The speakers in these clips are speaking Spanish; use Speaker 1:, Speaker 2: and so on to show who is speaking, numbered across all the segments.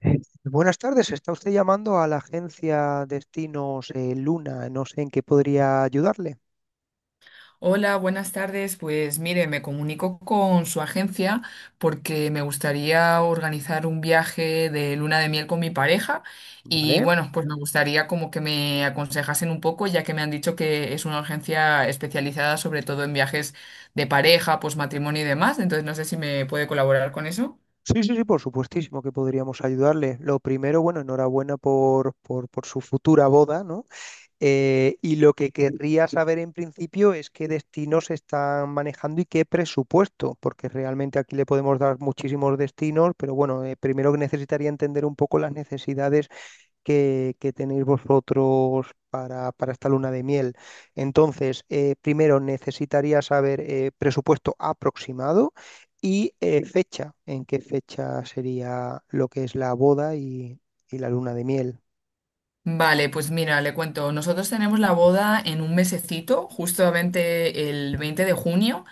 Speaker 1: Eh, Buenas tardes, está usted llamando a la agencia Destinos Luna, no sé en qué podría ayudarle,
Speaker 2: Hola, buenas tardes. Pues mire, me comunico con su agencia porque me gustaría organizar un viaje de luna de miel con mi pareja y
Speaker 1: ¿vale?
Speaker 2: bueno, pues me gustaría como que me aconsejasen un poco, ya que me han dicho que es una agencia especializada sobre todo en viajes de pareja, pues matrimonio y demás. Entonces no sé si me puede colaborar con eso.
Speaker 1: Sí, sí, sí, por supuestísimo que podríamos ayudarle. Lo primero, bueno, enhorabuena por su futura boda, ¿no? Y lo que querría saber en principio es qué destinos están manejando y qué presupuesto, porque realmente aquí le podemos dar muchísimos destinos, pero bueno, primero que necesitaría entender un poco las necesidades que tenéis vosotros para esta luna de miel. Entonces, primero necesitaría saber presupuesto aproximado y fecha, en qué fecha sería lo que es la boda y la luna de miel.
Speaker 2: Vale, pues mira, le cuento, nosotros tenemos la boda en un mesecito, justamente el 20 de junio.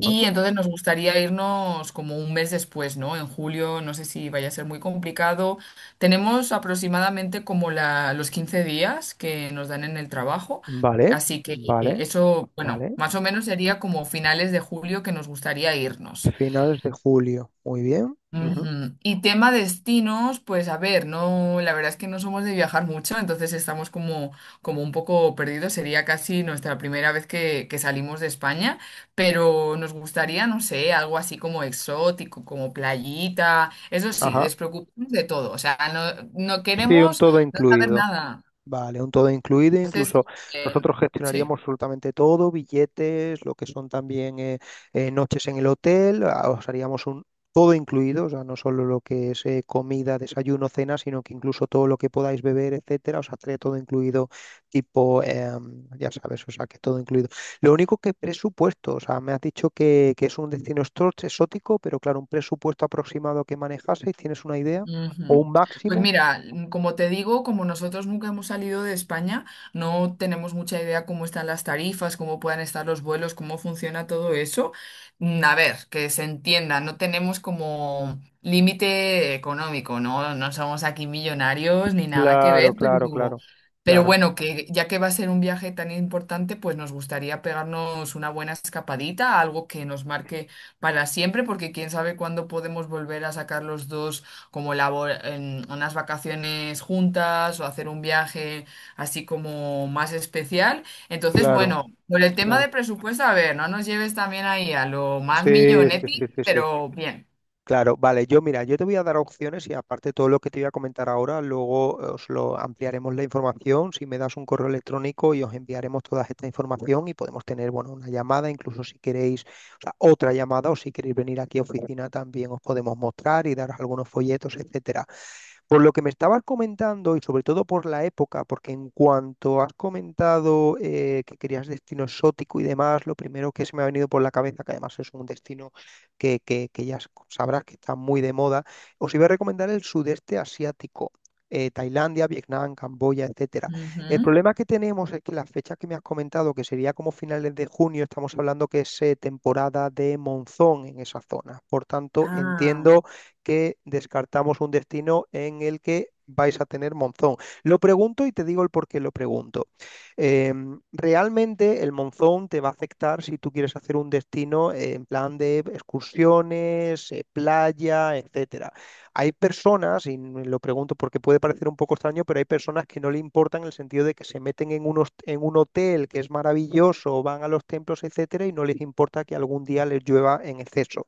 Speaker 2: Y entonces nos gustaría irnos como un mes después, ¿no? En julio, no sé si vaya a ser muy complicado. Tenemos aproximadamente como la, los 15 días que nos dan en el trabajo,
Speaker 1: Vale,
Speaker 2: así que
Speaker 1: vale,
Speaker 2: eso, bueno,
Speaker 1: vale.
Speaker 2: más o menos sería como finales de julio que nos gustaría irnos.
Speaker 1: Finales de julio. Muy bien. Ujú.
Speaker 2: Ujú. Y tema destinos, pues a ver, no, la verdad es que no somos de viajar mucho, entonces estamos como un poco perdidos. Sería casi nuestra primera vez que salimos de España, pero nos gustaría, no sé, algo así como exótico, como playita. Eso sí,
Speaker 1: Ajá.
Speaker 2: despreocuparnos de todo. O sea, no, no
Speaker 1: Sí, un
Speaker 2: queremos
Speaker 1: todo
Speaker 2: no saber
Speaker 1: incluido.
Speaker 2: nada.
Speaker 1: Vale, un todo incluido, incluso
Speaker 2: Eh,
Speaker 1: nosotros gestionaríamos
Speaker 2: sí.
Speaker 1: absolutamente todo, billetes, lo que son también noches en el hotel, os haríamos un todo incluido, o sea, no solo lo que es comida, desayuno, cena, sino que incluso todo lo que podáis beber, etcétera, os haré todo incluido, tipo, ya sabes, o sea, que todo incluido. Lo único que presupuesto, o sea, me has dicho que es un destino exótico, pero claro, un presupuesto aproximado que manejaseis, ¿tienes una idea? ¿O
Speaker 2: Ujú.
Speaker 1: un
Speaker 2: Pues
Speaker 1: máximo?
Speaker 2: mira, como te digo, como nosotros nunca hemos salido de España, no tenemos mucha idea cómo están las tarifas, cómo puedan estar los vuelos, cómo funciona todo eso. A ver, que se entienda, no tenemos como límite económico, ¿no? No somos aquí millonarios ni nada que ver,
Speaker 1: Claro, claro, claro.
Speaker 2: pero
Speaker 1: Claro.
Speaker 2: bueno, que ya que va a ser un viaje tan importante, pues nos gustaría pegarnos una buena escapadita, algo que nos marque para siempre, porque quién sabe cuándo podemos volver a sacar los dos como labor, en unas vacaciones juntas o hacer un viaje así como más especial. Entonces,
Speaker 1: Claro,
Speaker 2: bueno, por el tema
Speaker 1: claro.
Speaker 2: de presupuesto, a ver, no nos lleves también ahí a lo más
Speaker 1: Sí, sí,
Speaker 2: millonetti,
Speaker 1: sí, sí, sí.
Speaker 2: pero bien.
Speaker 1: Claro, vale, yo mira, yo te voy a dar opciones y aparte todo lo que te voy a comentar ahora, luego os lo ampliaremos la información, si me das un correo electrónico y os enviaremos toda esta información y podemos tener, bueno, una llamada, incluso si queréis, o sea, otra llamada o si queréis venir aquí a oficina también os podemos mostrar y daros algunos folletos, etcétera. Por lo que me estabas comentando y sobre todo por la época, porque en cuanto has comentado que querías destino exótico y demás, lo primero que se me ha venido por la cabeza, que además es un destino que ya sabrás que está muy de moda, os iba a recomendar el sudeste asiático. Tailandia, Vietnam, Camboya, etcétera. El
Speaker 2: Ujú.
Speaker 1: problema que tenemos es que las fechas que me has comentado, que sería como finales de junio, estamos hablando que es temporada de monzón en esa zona. Por tanto,
Speaker 2: Ah,
Speaker 1: entiendo que descartamos un destino en el que vais a tener Monzón. Lo pregunto y te digo el por qué lo pregunto. Eh, realmente el Monzón te va a afectar si tú quieres hacer un destino en plan de excursiones, playa, etcétera. Hay personas, y lo pregunto porque puede parecer un poco extraño, pero hay personas que no le importan en el sentido de que se meten en, unos, en un hotel que es maravilloso, van a los templos, etcétera, y no les importa que algún día les llueva en exceso.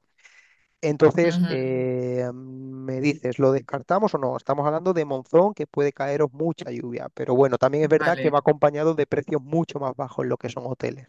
Speaker 1: Entonces,
Speaker 2: ujú.
Speaker 1: me dices, ¿lo descartamos o no? Estamos hablando de monzón que puede caeros mucha lluvia, pero bueno, también es verdad que
Speaker 2: Vale.
Speaker 1: va acompañado de precios mucho más bajos en lo que son hoteles.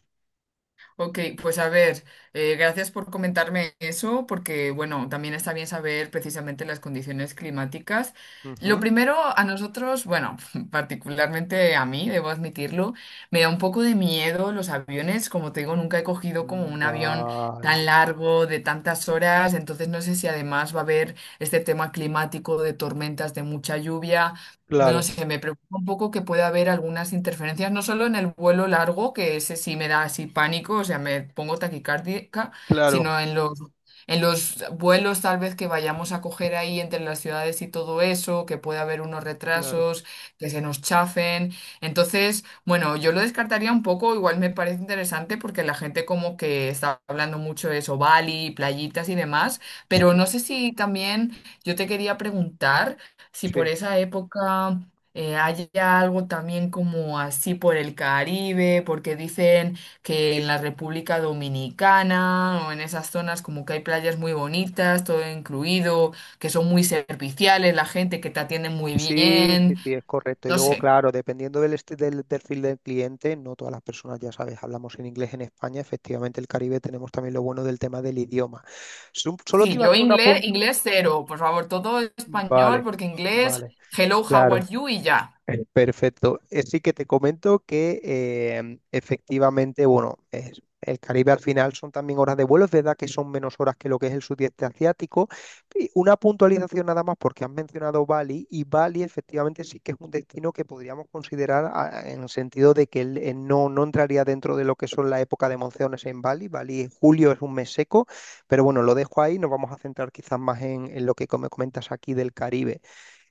Speaker 2: Ok, pues a ver, gracias por comentarme eso, porque bueno, también está bien saber precisamente las condiciones climáticas. Lo
Speaker 1: Ujú.
Speaker 2: primero, a nosotros, bueno, particularmente a mí, debo admitirlo, me da un poco de miedo los aviones. Como te digo, nunca he cogido como un avión tan
Speaker 1: Vale,
Speaker 2: largo, de tantas horas, entonces no sé si además va a haber este tema climático de tormentas, de mucha lluvia. No
Speaker 1: claro,
Speaker 2: sé, me preocupa un poco que pueda haber algunas interferencias, no solo en el vuelo largo, que ese sí me da así pánico, o sea, me pongo taquicárdica,
Speaker 1: claro,
Speaker 2: sino en en los vuelos tal vez que vayamos a coger ahí entre las ciudades y todo eso, que pueda haber unos
Speaker 1: claro.
Speaker 2: retrasos, que se nos chafen. Entonces, bueno, yo lo descartaría un poco, igual me parece interesante porque la gente como que está hablando mucho de eso, Bali, playitas y demás, pero
Speaker 1: Sí,
Speaker 2: no sé si también yo te quería preguntar si por
Speaker 1: sí,
Speaker 2: esa época hay algo también como así por el Caribe, porque dicen que en la República Dominicana o en esas zonas como que hay playas muy bonitas, todo incluido, que son muy serviciales, la gente que te atiende muy
Speaker 1: sí, sí,
Speaker 2: bien,
Speaker 1: sí, es correcto. Y
Speaker 2: no
Speaker 1: luego,
Speaker 2: sé.
Speaker 1: claro, dependiendo del, del perfil del cliente, no todas las personas, ya sabes, hablamos en inglés en España, efectivamente el Caribe tenemos también lo bueno del tema del idioma. Solo te
Speaker 2: Sí,
Speaker 1: iba a
Speaker 2: yo
Speaker 1: hacer una
Speaker 2: inglés,
Speaker 1: punta.
Speaker 2: inglés cero, por favor, todo español,
Speaker 1: Vale,
Speaker 2: porque inglés,
Speaker 1: vale.
Speaker 2: hello, how are
Speaker 1: Claro.
Speaker 2: you y ya.
Speaker 1: Perfecto. Sí que te comento que efectivamente, bueno, el Caribe al final son también horas de vuelo, es verdad que son menos horas que lo que es el sudeste asiático. Y una puntualización nada más porque has mencionado Bali y Bali efectivamente sí que es un destino que podríamos considerar en el sentido de que él, no, no entraría dentro de lo que son la época de monzones en Bali. Bali en julio es un mes seco, pero bueno, lo dejo ahí, nos vamos a centrar quizás más en lo que me comentas aquí del Caribe.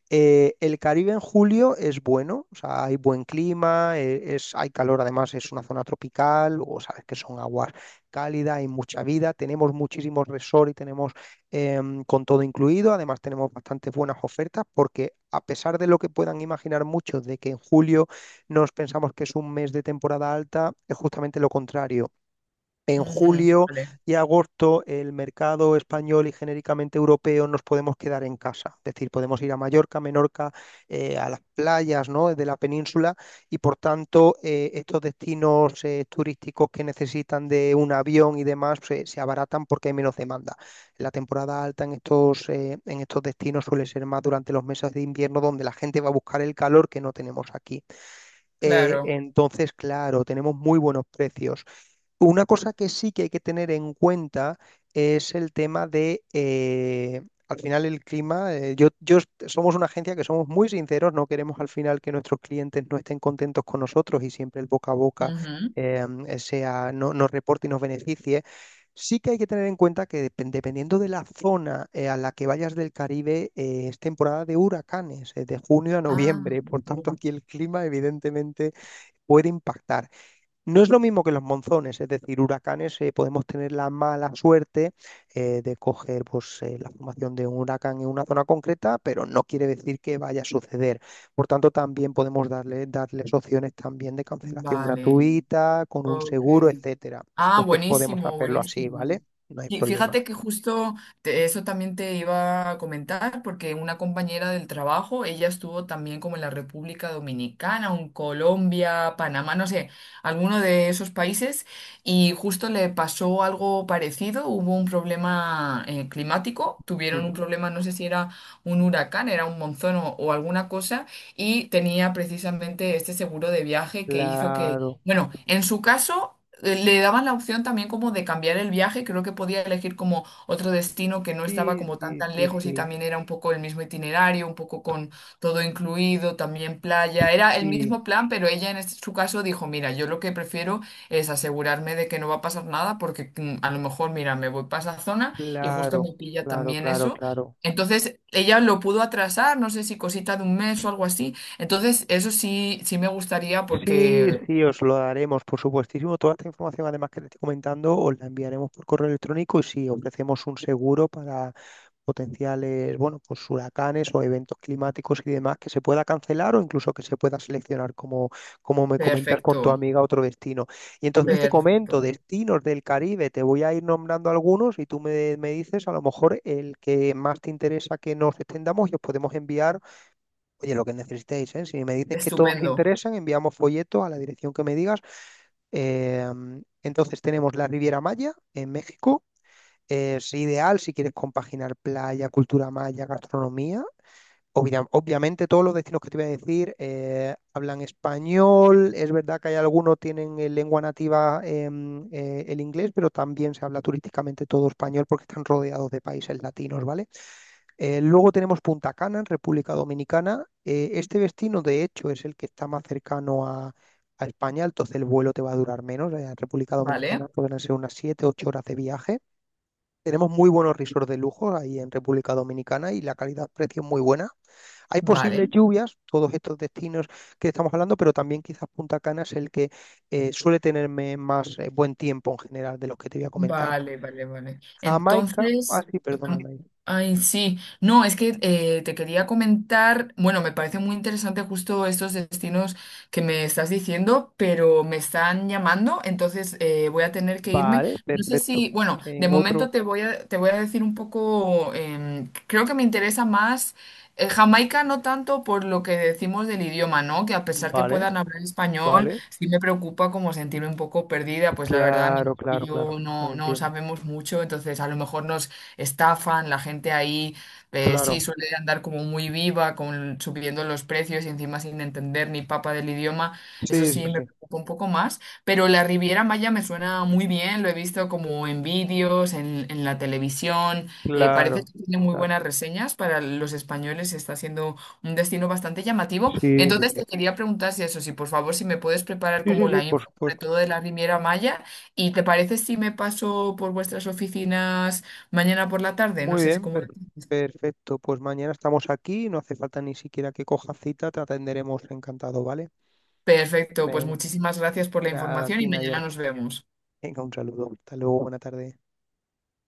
Speaker 1: El Caribe en julio es bueno, o sea, hay buen clima, es, hay calor, además es una zona tropical, o sabes que son aguas cálidas, hay mucha vida, tenemos muchísimos resorts y tenemos con todo incluido, además tenemos bastantes buenas ofertas porque a pesar de lo que puedan imaginar muchos de que en julio nos pensamos que es un mes de temporada alta, es justamente lo contrario. En
Speaker 2: Ujú,
Speaker 1: julio
Speaker 2: vale,
Speaker 1: y agosto el mercado español y genéricamente europeo nos podemos quedar en casa, es decir, podemos ir a Mallorca, Menorca, a las playas, ¿no? de la península y por tanto estos destinos turísticos que necesitan de un avión y demás se, se abaratan porque hay menos demanda. La temporada alta en estos destinos suele ser más durante los meses de invierno donde la gente va a buscar el calor que no tenemos aquí.
Speaker 2: claro.
Speaker 1: Entonces, claro, tenemos muy buenos precios. Una cosa que sí que hay que tener en cuenta es el tema de, al final el clima, yo, somos una agencia que somos muy sinceros, no queremos al final que nuestros clientes no estén contentos con nosotros y siempre el boca a boca
Speaker 2: Ujú.
Speaker 1: sea, no, nos reporte y nos beneficie. Sí que hay que tener en cuenta que dependiendo de la zona a la que vayas del Caribe, es temporada de huracanes, de junio a
Speaker 2: Ah,
Speaker 1: noviembre, por
Speaker 2: ok.
Speaker 1: tanto aquí el clima evidentemente puede impactar. No es lo mismo que los monzones, es decir, huracanes podemos tener la mala suerte de coger pues, la formación de un huracán en una zona concreta, pero no quiere decir que vaya a suceder. Por tanto, también podemos darle, darles opciones también de cancelación
Speaker 2: Vale.
Speaker 1: gratuita, con un
Speaker 2: Ok.
Speaker 1: seguro, etcétera.
Speaker 2: Ah,
Speaker 1: Entonces podemos
Speaker 2: buenísimo,
Speaker 1: hacerlo así,
Speaker 2: buenísimo.
Speaker 1: ¿vale? No hay
Speaker 2: Y
Speaker 1: problema.
Speaker 2: fíjate que justo eso también te iba a comentar, porque una compañera del trabajo, ella estuvo también como en la República Dominicana, o en Colombia, Panamá, no sé, alguno de esos países, y justo le pasó algo parecido, hubo un problema climático, tuvieron un
Speaker 1: Ujú.
Speaker 2: problema, no sé si era un huracán, era un monzón o alguna cosa, y tenía precisamente este seguro de viaje que hizo que
Speaker 1: Claro.
Speaker 2: bueno, en su caso le daban la opción también como de cambiar el viaje, creo que podía elegir como otro destino que no estaba
Speaker 1: Sí,
Speaker 2: como tan
Speaker 1: sí,
Speaker 2: tan
Speaker 1: sí,
Speaker 2: lejos y
Speaker 1: sí,
Speaker 2: también era un poco el mismo itinerario, un poco con todo incluido, también playa, era el
Speaker 1: sí.
Speaker 2: mismo plan, pero ella en su caso dijo, mira, yo lo que prefiero es asegurarme de que no va a pasar nada porque a lo mejor, mira, me voy para esa zona y justo
Speaker 1: Claro,
Speaker 2: me pilla
Speaker 1: claro,
Speaker 2: también
Speaker 1: claro,
Speaker 2: eso.
Speaker 1: claro.
Speaker 2: Entonces ella lo pudo atrasar, no sé si cosita de un mes o algo así. Entonces, eso sí, sí me gustaría
Speaker 1: Sí,
Speaker 2: porque
Speaker 1: sí, os lo daremos, por supuestísimo. Toda esta información, además que te estoy comentando, os la enviaremos por correo electrónico y si ofrecemos un seguro para potenciales, bueno, pues huracanes o eventos climáticos y demás que se pueda cancelar o incluso que se pueda seleccionar, como, como me comentas con tu
Speaker 2: perfecto,
Speaker 1: amiga, otro destino. Y entonces te comento,
Speaker 2: perfecto.
Speaker 1: destinos del Caribe, te voy a ir nombrando algunos y tú me, me dices a lo mejor el que más te interesa que nos extendamos y os podemos enviar. Oye, lo que necesitéis, ¿eh? Si me dices que todos te
Speaker 2: Estupendo.
Speaker 1: interesan, enviamos folleto a la dirección que me digas. Eh, entonces tenemos la Riviera Maya en México. Es ideal si quieres compaginar playa, cultura maya, gastronomía. Obviamente todos los destinos que te voy a decir hablan español. Es verdad que hay algunos tienen en lengua nativa el inglés, pero también se habla turísticamente todo español porque están rodeados de países latinos, ¿vale? Luego tenemos Punta Cana, en República Dominicana. Este destino, de hecho, es el que está más cercano a España, entonces el vuelo te va a durar menos. En República
Speaker 2: Vale,
Speaker 1: Dominicana pueden ser unas 7-8 horas de viaje. Tenemos muy buenos resorts de lujo ahí en República Dominicana y la calidad-precio es muy buena. Hay posibles
Speaker 2: vale.
Speaker 1: lluvias, todos estos destinos que estamos hablando, pero también quizás Punta Cana es el que suele tenerme más buen tiempo en general de los que te voy a comentar.
Speaker 2: Vale, vale, vale.
Speaker 1: Jamaica, ah
Speaker 2: Entonces,
Speaker 1: sí,
Speaker 2: am-
Speaker 1: perdóname.
Speaker 2: ay, sí. No, es que te quería comentar, bueno, me parece muy interesante justo estos destinos que me estás diciendo, pero me están llamando, entonces voy a tener que irme.
Speaker 1: Vale,
Speaker 2: No sé si,
Speaker 1: perfecto.
Speaker 2: bueno,
Speaker 1: En
Speaker 2: de momento
Speaker 1: otro.
Speaker 2: te voy a decir un poco, creo que me interesa más Jamaica, no tanto por lo que decimos del idioma, ¿no? Que a pesar que
Speaker 1: Vale,
Speaker 2: puedan hablar español,
Speaker 1: vale.
Speaker 2: sí me preocupa como sentirme un poco perdida, pues la verdad
Speaker 1: Claro,
Speaker 2: y
Speaker 1: claro, claro.
Speaker 2: yo no, no
Speaker 1: Entiendo.
Speaker 2: sabemos mucho, entonces a lo mejor nos estafan, la gente ahí sí
Speaker 1: Claro.
Speaker 2: suele andar como muy viva, con, subiendo los precios y encima sin entender ni papa del idioma,
Speaker 1: Sí,
Speaker 2: eso
Speaker 1: sí,
Speaker 2: sí me
Speaker 1: sí.
Speaker 2: preocupa un poco más, pero la Riviera Maya me suena muy bien, lo he visto como en vídeos, en la televisión, parece
Speaker 1: Claro,
Speaker 2: que tiene muy
Speaker 1: claro.
Speaker 2: buenas reseñas para los españoles, está siendo un destino bastante llamativo,
Speaker 1: Sí, sí,
Speaker 2: entonces
Speaker 1: sí.
Speaker 2: te quería preguntar si eso, si por favor si me puedes preparar
Speaker 1: Sí, sí,
Speaker 2: como
Speaker 1: sí,
Speaker 2: la
Speaker 1: por
Speaker 2: info sobre
Speaker 1: supuesto.
Speaker 2: todo de la Riviera Maya. ¿Y te parece si me paso por vuestras oficinas mañana por la tarde? No
Speaker 1: Muy
Speaker 2: sé si
Speaker 1: bien,
Speaker 2: cómo...
Speaker 1: perfecto. Pues mañana estamos aquí, no hace falta ni siquiera que cojas cita, te atenderemos encantado, ¿vale?
Speaker 2: Perfecto, pues
Speaker 1: Venga,
Speaker 2: muchísimas gracias por la
Speaker 1: nada,
Speaker 2: información y
Speaker 1: Tina y
Speaker 2: mañana
Speaker 1: ahora.
Speaker 2: nos vemos.
Speaker 1: Venga, un saludo. Hasta luego, buena tarde.